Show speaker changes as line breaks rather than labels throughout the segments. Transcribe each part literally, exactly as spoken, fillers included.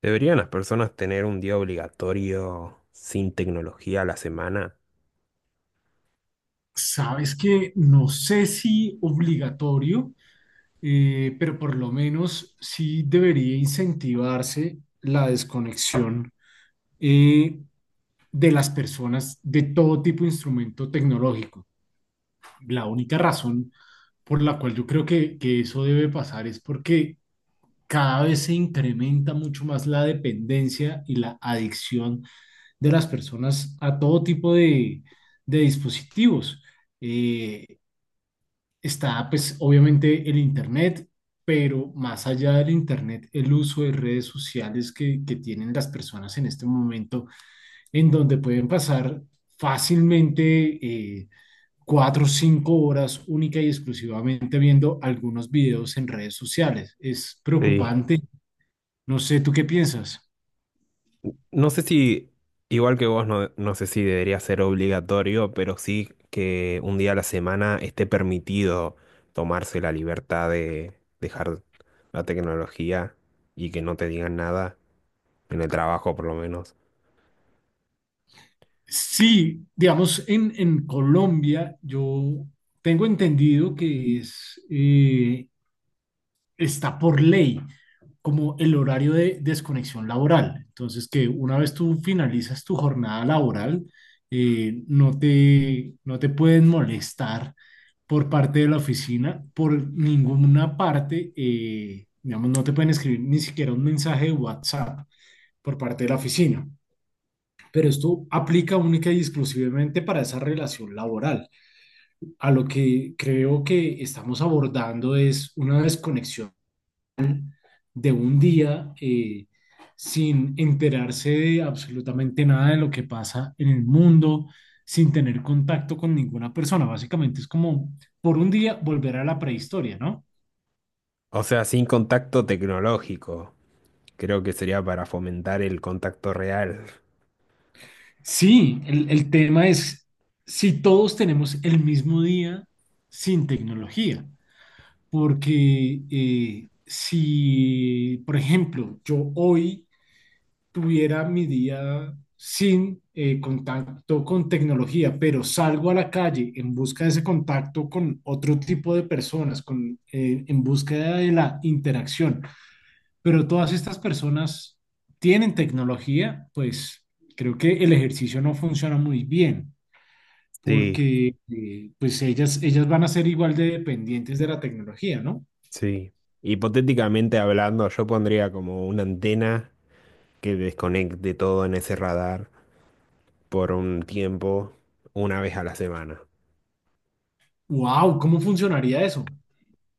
¿Deberían las personas tener un día obligatorio sin tecnología a la semana?
Sabes que no sé si obligatorio, eh, pero por lo menos sí debería incentivarse la desconexión eh, de las personas de todo tipo de instrumento tecnológico. La única razón por la cual yo creo que, que eso debe pasar es porque cada vez se incrementa mucho más la dependencia y la adicción de las personas a todo tipo de, de dispositivos. Eh, está pues obviamente el Internet, pero más allá del Internet, el uso de redes sociales que, que tienen las personas en este momento, en donde pueden pasar fácilmente eh, cuatro o cinco horas única y exclusivamente viendo algunos videos en redes sociales. Es
Sí.
preocupante. No sé, ¿tú qué piensas?
No sé si, igual que vos, no, no sé si debería ser obligatorio, pero sí que un día a la semana esté permitido tomarse la libertad de dejar la tecnología y que no te digan nada, en el trabajo por lo menos.
Sí, digamos, en, en Colombia yo tengo entendido que es, eh, está por ley, como el horario de desconexión laboral. Entonces, que una vez tú finalizas tu jornada laboral, eh, no te, no te pueden molestar por parte de la oficina, por ninguna parte, eh, digamos, no te pueden escribir ni siquiera un mensaje de WhatsApp por parte de la oficina. Pero esto aplica única y exclusivamente para esa relación laboral. A lo que creo que estamos abordando es una desconexión de un día eh, sin enterarse de absolutamente nada de lo que pasa en el mundo, sin tener contacto con ninguna persona. Básicamente es como por un día volver a la prehistoria, ¿no?
O sea, sin contacto tecnológico. Creo que sería para fomentar el contacto real.
Sí, el, el tema es si todos tenemos el mismo día sin tecnología, porque eh, si, por ejemplo, yo hoy tuviera mi día sin eh, contacto con tecnología, pero salgo a la calle en busca de ese contacto con otro tipo de personas, con, eh, en búsqueda de la interacción. Pero todas estas personas tienen tecnología, pues creo que el ejercicio no funciona muy bien,
Sí,
porque eh, pues ellas, ellas van a ser igual de dependientes de la tecnología, ¿no?
sí, hipotéticamente hablando, yo pondría como una antena que desconecte todo en ese radar por un tiempo, una vez a la semana.
¡Wow! ¿Cómo funcionaría eso?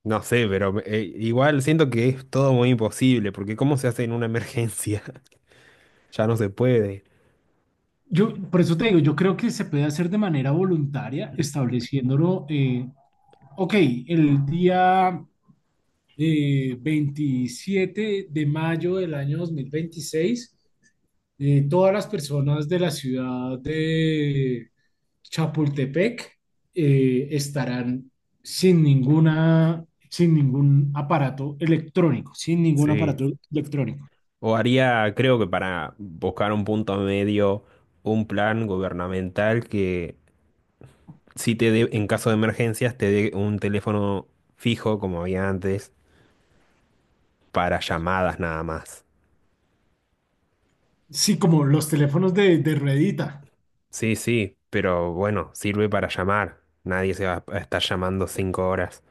No sé, pero eh, igual siento que es todo muy imposible, porque ¿cómo se hace en una emergencia? Ya no se puede.
Yo, por eso te digo, yo creo que se puede hacer de manera voluntaria, estableciéndolo, eh, ok, el día eh, veintisiete de mayo del año dos mil veintiséis, eh, todas las personas de la ciudad de Chapultepec eh, estarán sin ninguna, sin ningún aparato electrónico, sin ningún
Sí.
aparato electrónico.
O haría, creo que para buscar un punto medio, un plan gubernamental que si te dé, en caso de emergencias, te dé un teléfono fijo como había antes, para llamadas nada más.
Sí, como los teléfonos de, de ruedita.
Sí, sí, pero bueno, sirve para llamar. Nadie se va a estar llamando cinco horas.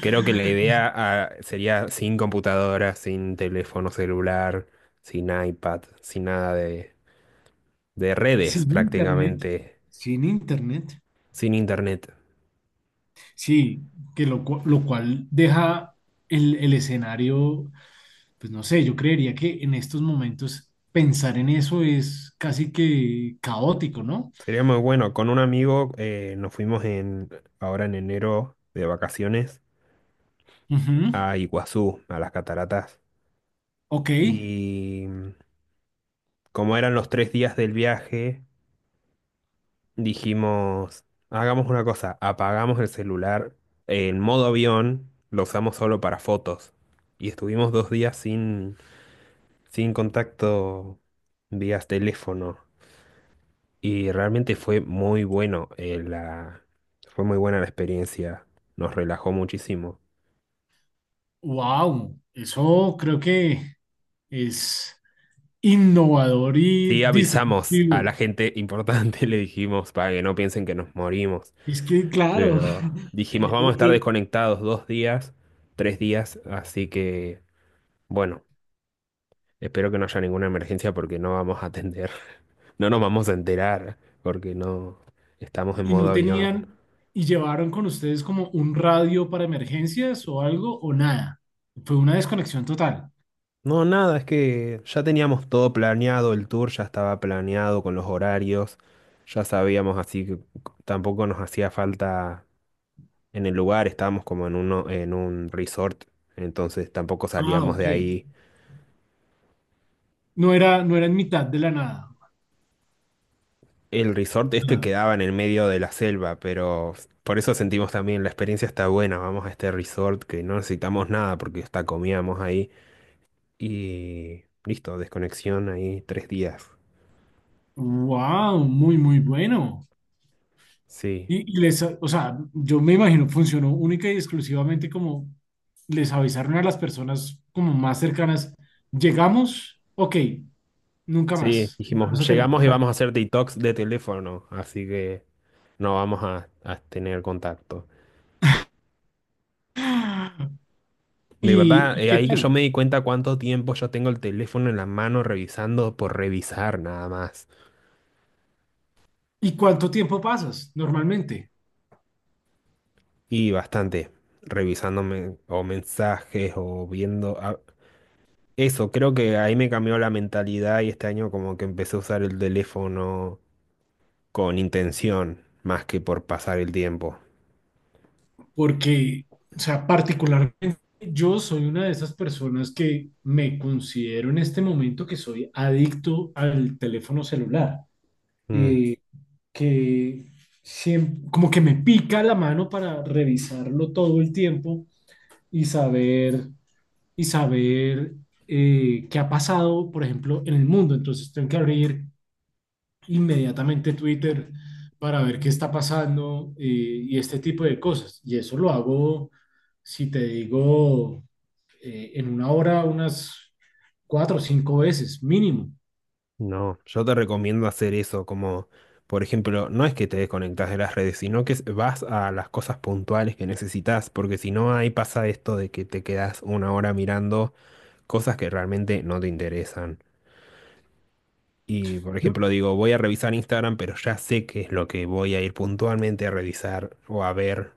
Creo que la idea, ah, sería sin computadora, sin teléfono celular, sin iPad, sin nada de, de redes
Sin internet,
prácticamente,
sin internet,
sin internet.
sí, que lo, cu- lo cual deja el, el escenario, pues no sé, yo creería que en estos momentos pensar en eso es casi que caótico, ¿no?
Sería muy bueno. Con un amigo eh, nos fuimos en, ahora en enero de vacaciones
Ujú.
a Iguazú, a las cataratas.
Ok,
Y mm, como eran los tres días del viaje, dijimos, hagamos una cosa, apagamos el celular en modo avión, lo usamos solo para fotos. Y estuvimos dos días sin, sin contacto vía teléfono. Y realmente fue muy bueno, eh, la, fue muy buena la experiencia, nos relajó muchísimo.
wow, eso creo que es innovador
Sí,
y
avisamos a
disruptivo.
la gente importante, le dijimos, para que no piensen que nos morimos.
Es que, claro,
Pero dijimos, vamos a estar
e-
desconectados dos días, tres días, así que... Bueno, espero que no haya ninguna emergencia porque no vamos a atender. No nos vamos a enterar porque no estamos en
y
modo
no
avión.
tenían, y llevaron con ustedes como un radio para emergencias o algo, o nada. Fue una desconexión total.
No, nada, es que ya teníamos todo planeado, el tour ya estaba planeado con los horarios, ya sabíamos, así que tampoco nos hacía falta en el lugar, estábamos como en uno, en un resort, entonces tampoco
Ah,
salíamos
ok.
de ahí.
No era, no era en mitad de la nada.
El resort este quedaba en el medio de la selva, pero por eso sentimos también la experiencia está buena. Vamos a este resort que no necesitamos nada porque hasta comíamos ahí. Y listo, desconexión ahí tres días.
Wow, muy, muy bueno.
Sí,
Y, y les, o sea, yo me imagino funcionó única y exclusivamente como les avisaron a las personas como más cercanas, llegamos, ok, nunca
sí,
más, vamos a
dijimos,
tener
llegamos y
contacto.
vamos a hacer detox de teléfono, así que no vamos a, a tener contacto. De
¿Y,
verdad,
y
eh,
qué
ahí que yo
tal?
me di cuenta cuánto tiempo yo tengo el teléfono en la mano revisando por revisar nada más.
¿Y cuánto tiempo pasas normalmente?
Y bastante, revisándome o mensajes o viendo... a- Eso, creo que ahí me cambió la mentalidad y este año como que empecé a usar el teléfono con intención, más que por pasar el tiempo.
Porque, o sea, particularmente yo soy una de esas personas que me considero en este momento que soy adicto al teléfono celular,
Mm,
eh, que siem- como que me pica la mano para revisarlo todo el tiempo y saber, y saber eh, qué ha pasado, por ejemplo, en el mundo. Entonces tengo que abrir inmediatamente Twitter para ver qué está pasando, eh, y este tipo de cosas. Y eso lo hago, si te digo, eh, en una hora unas cuatro o cinco veces mínimo.
no, yo te recomiendo hacer eso, como, por ejemplo, no es que te desconectas de las redes, sino que vas a las cosas puntuales que necesitas, porque si no, ahí pasa esto de que te quedas una hora mirando cosas que realmente no te interesan. Y, por ejemplo, digo, voy a revisar Instagram, pero ya sé qué es lo que voy a ir puntualmente a revisar o a ver.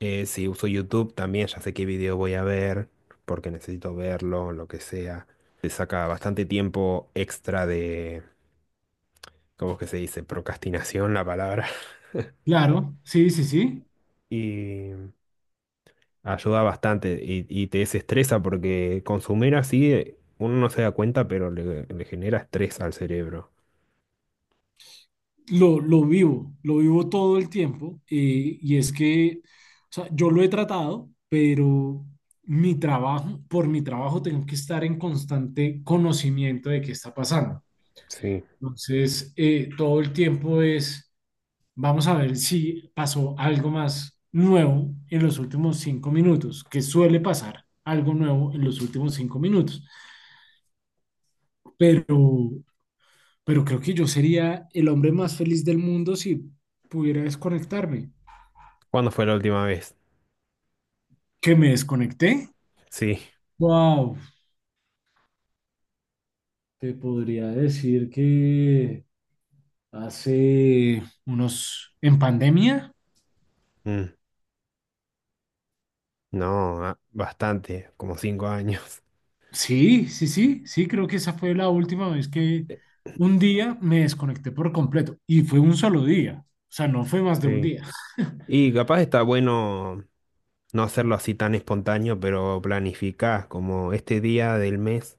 Eh, si uso YouTube, también ya sé qué video voy a ver, porque necesito verlo, lo que sea. Te saca bastante tiempo extra de, ¿cómo es que se dice? Procrastinación, la palabra.
Claro, sí, sí, sí.
Y ayuda bastante y, y te desestresa porque consumir así, eh, uno no se da cuenta, pero le, le genera estrés al cerebro.
Lo, lo vivo, lo vivo todo el tiempo. Eh, y es que, o sea, yo lo he tratado, pero mi trabajo, por mi trabajo tengo que estar en constante conocimiento de qué está pasando.
Sí.
Entonces, eh, todo el tiempo es: vamos a ver si pasó algo más nuevo en los últimos cinco minutos, que suele pasar algo nuevo en los últimos cinco minutos. Pero, pero creo que yo sería el hombre más feliz del mundo si pudiera desconectarme.
¿Cuándo fue la última vez?
¿Que me desconecté?
Sí.
Wow, te podría decir que hace unos, en pandemia.
Mm. No, ah, bastante, como cinco años.
Sí, sí, sí, sí, creo que esa fue la última vez que un día me desconecté por completo y fue un solo día, o sea, no fue más de un
Sí.
día.
Y capaz está bueno no hacerlo así tan espontáneo, pero planificás como este día del mes,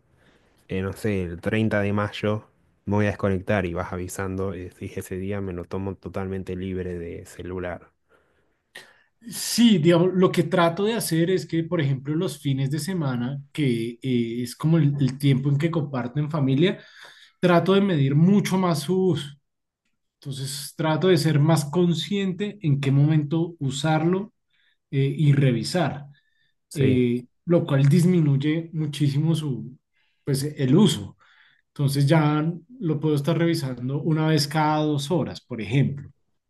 eh, no sé, el treinta de mayo, me voy a desconectar y vas avisando y decís, ese día me lo tomo totalmente libre de celular.
Sí, digamos, lo que trato de hacer es que, por ejemplo, los fines de semana, que eh, es como el, el tiempo en que comparto en familia, trato de medir mucho más su uso. Entonces, trato de ser más consciente en qué momento usarlo, eh, y revisar,
Sí,
eh, lo cual disminuye muchísimo su, pues, el uso. Entonces ya lo puedo estar revisando una vez cada dos horas, por ejemplo.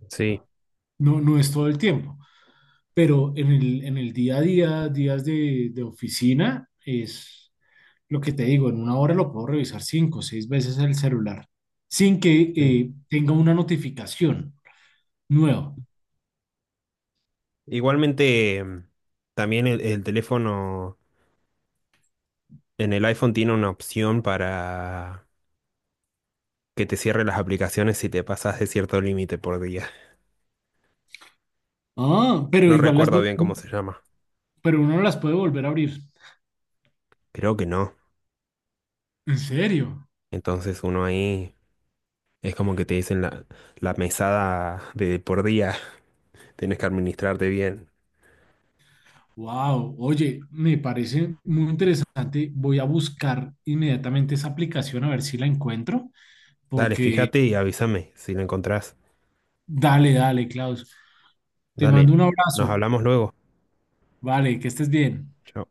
sí,
No, no es todo el tiempo, pero en el, en el día a día, días de, de oficina, es lo que te digo, en una hora lo puedo revisar cinco o seis veces el celular sin que
sí.
eh, tenga una notificación nueva.
Igualmente, em, también el, el teléfono en el iPhone tiene una opción para que te cierre las aplicaciones si te pasas de cierto límite por día.
Ah, pero
No
igual las,
recuerdo
vuel-
bien cómo se llama.
pero uno las puede volver a abrir.
Creo que no.
¿En serio?
Entonces uno ahí es como que te dicen la, la mesada de por día. Tenés que administrarte bien.
Wow, oye, me parece muy interesante. Voy a buscar inmediatamente esa aplicación a ver si la encuentro,
Dale,
porque
fíjate y avísame si lo encontrás.
dale, dale, Klaus. Te
Dale,
mando un
nos
abrazo.
hablamos luego.
Vale, que estés bien.
Chao.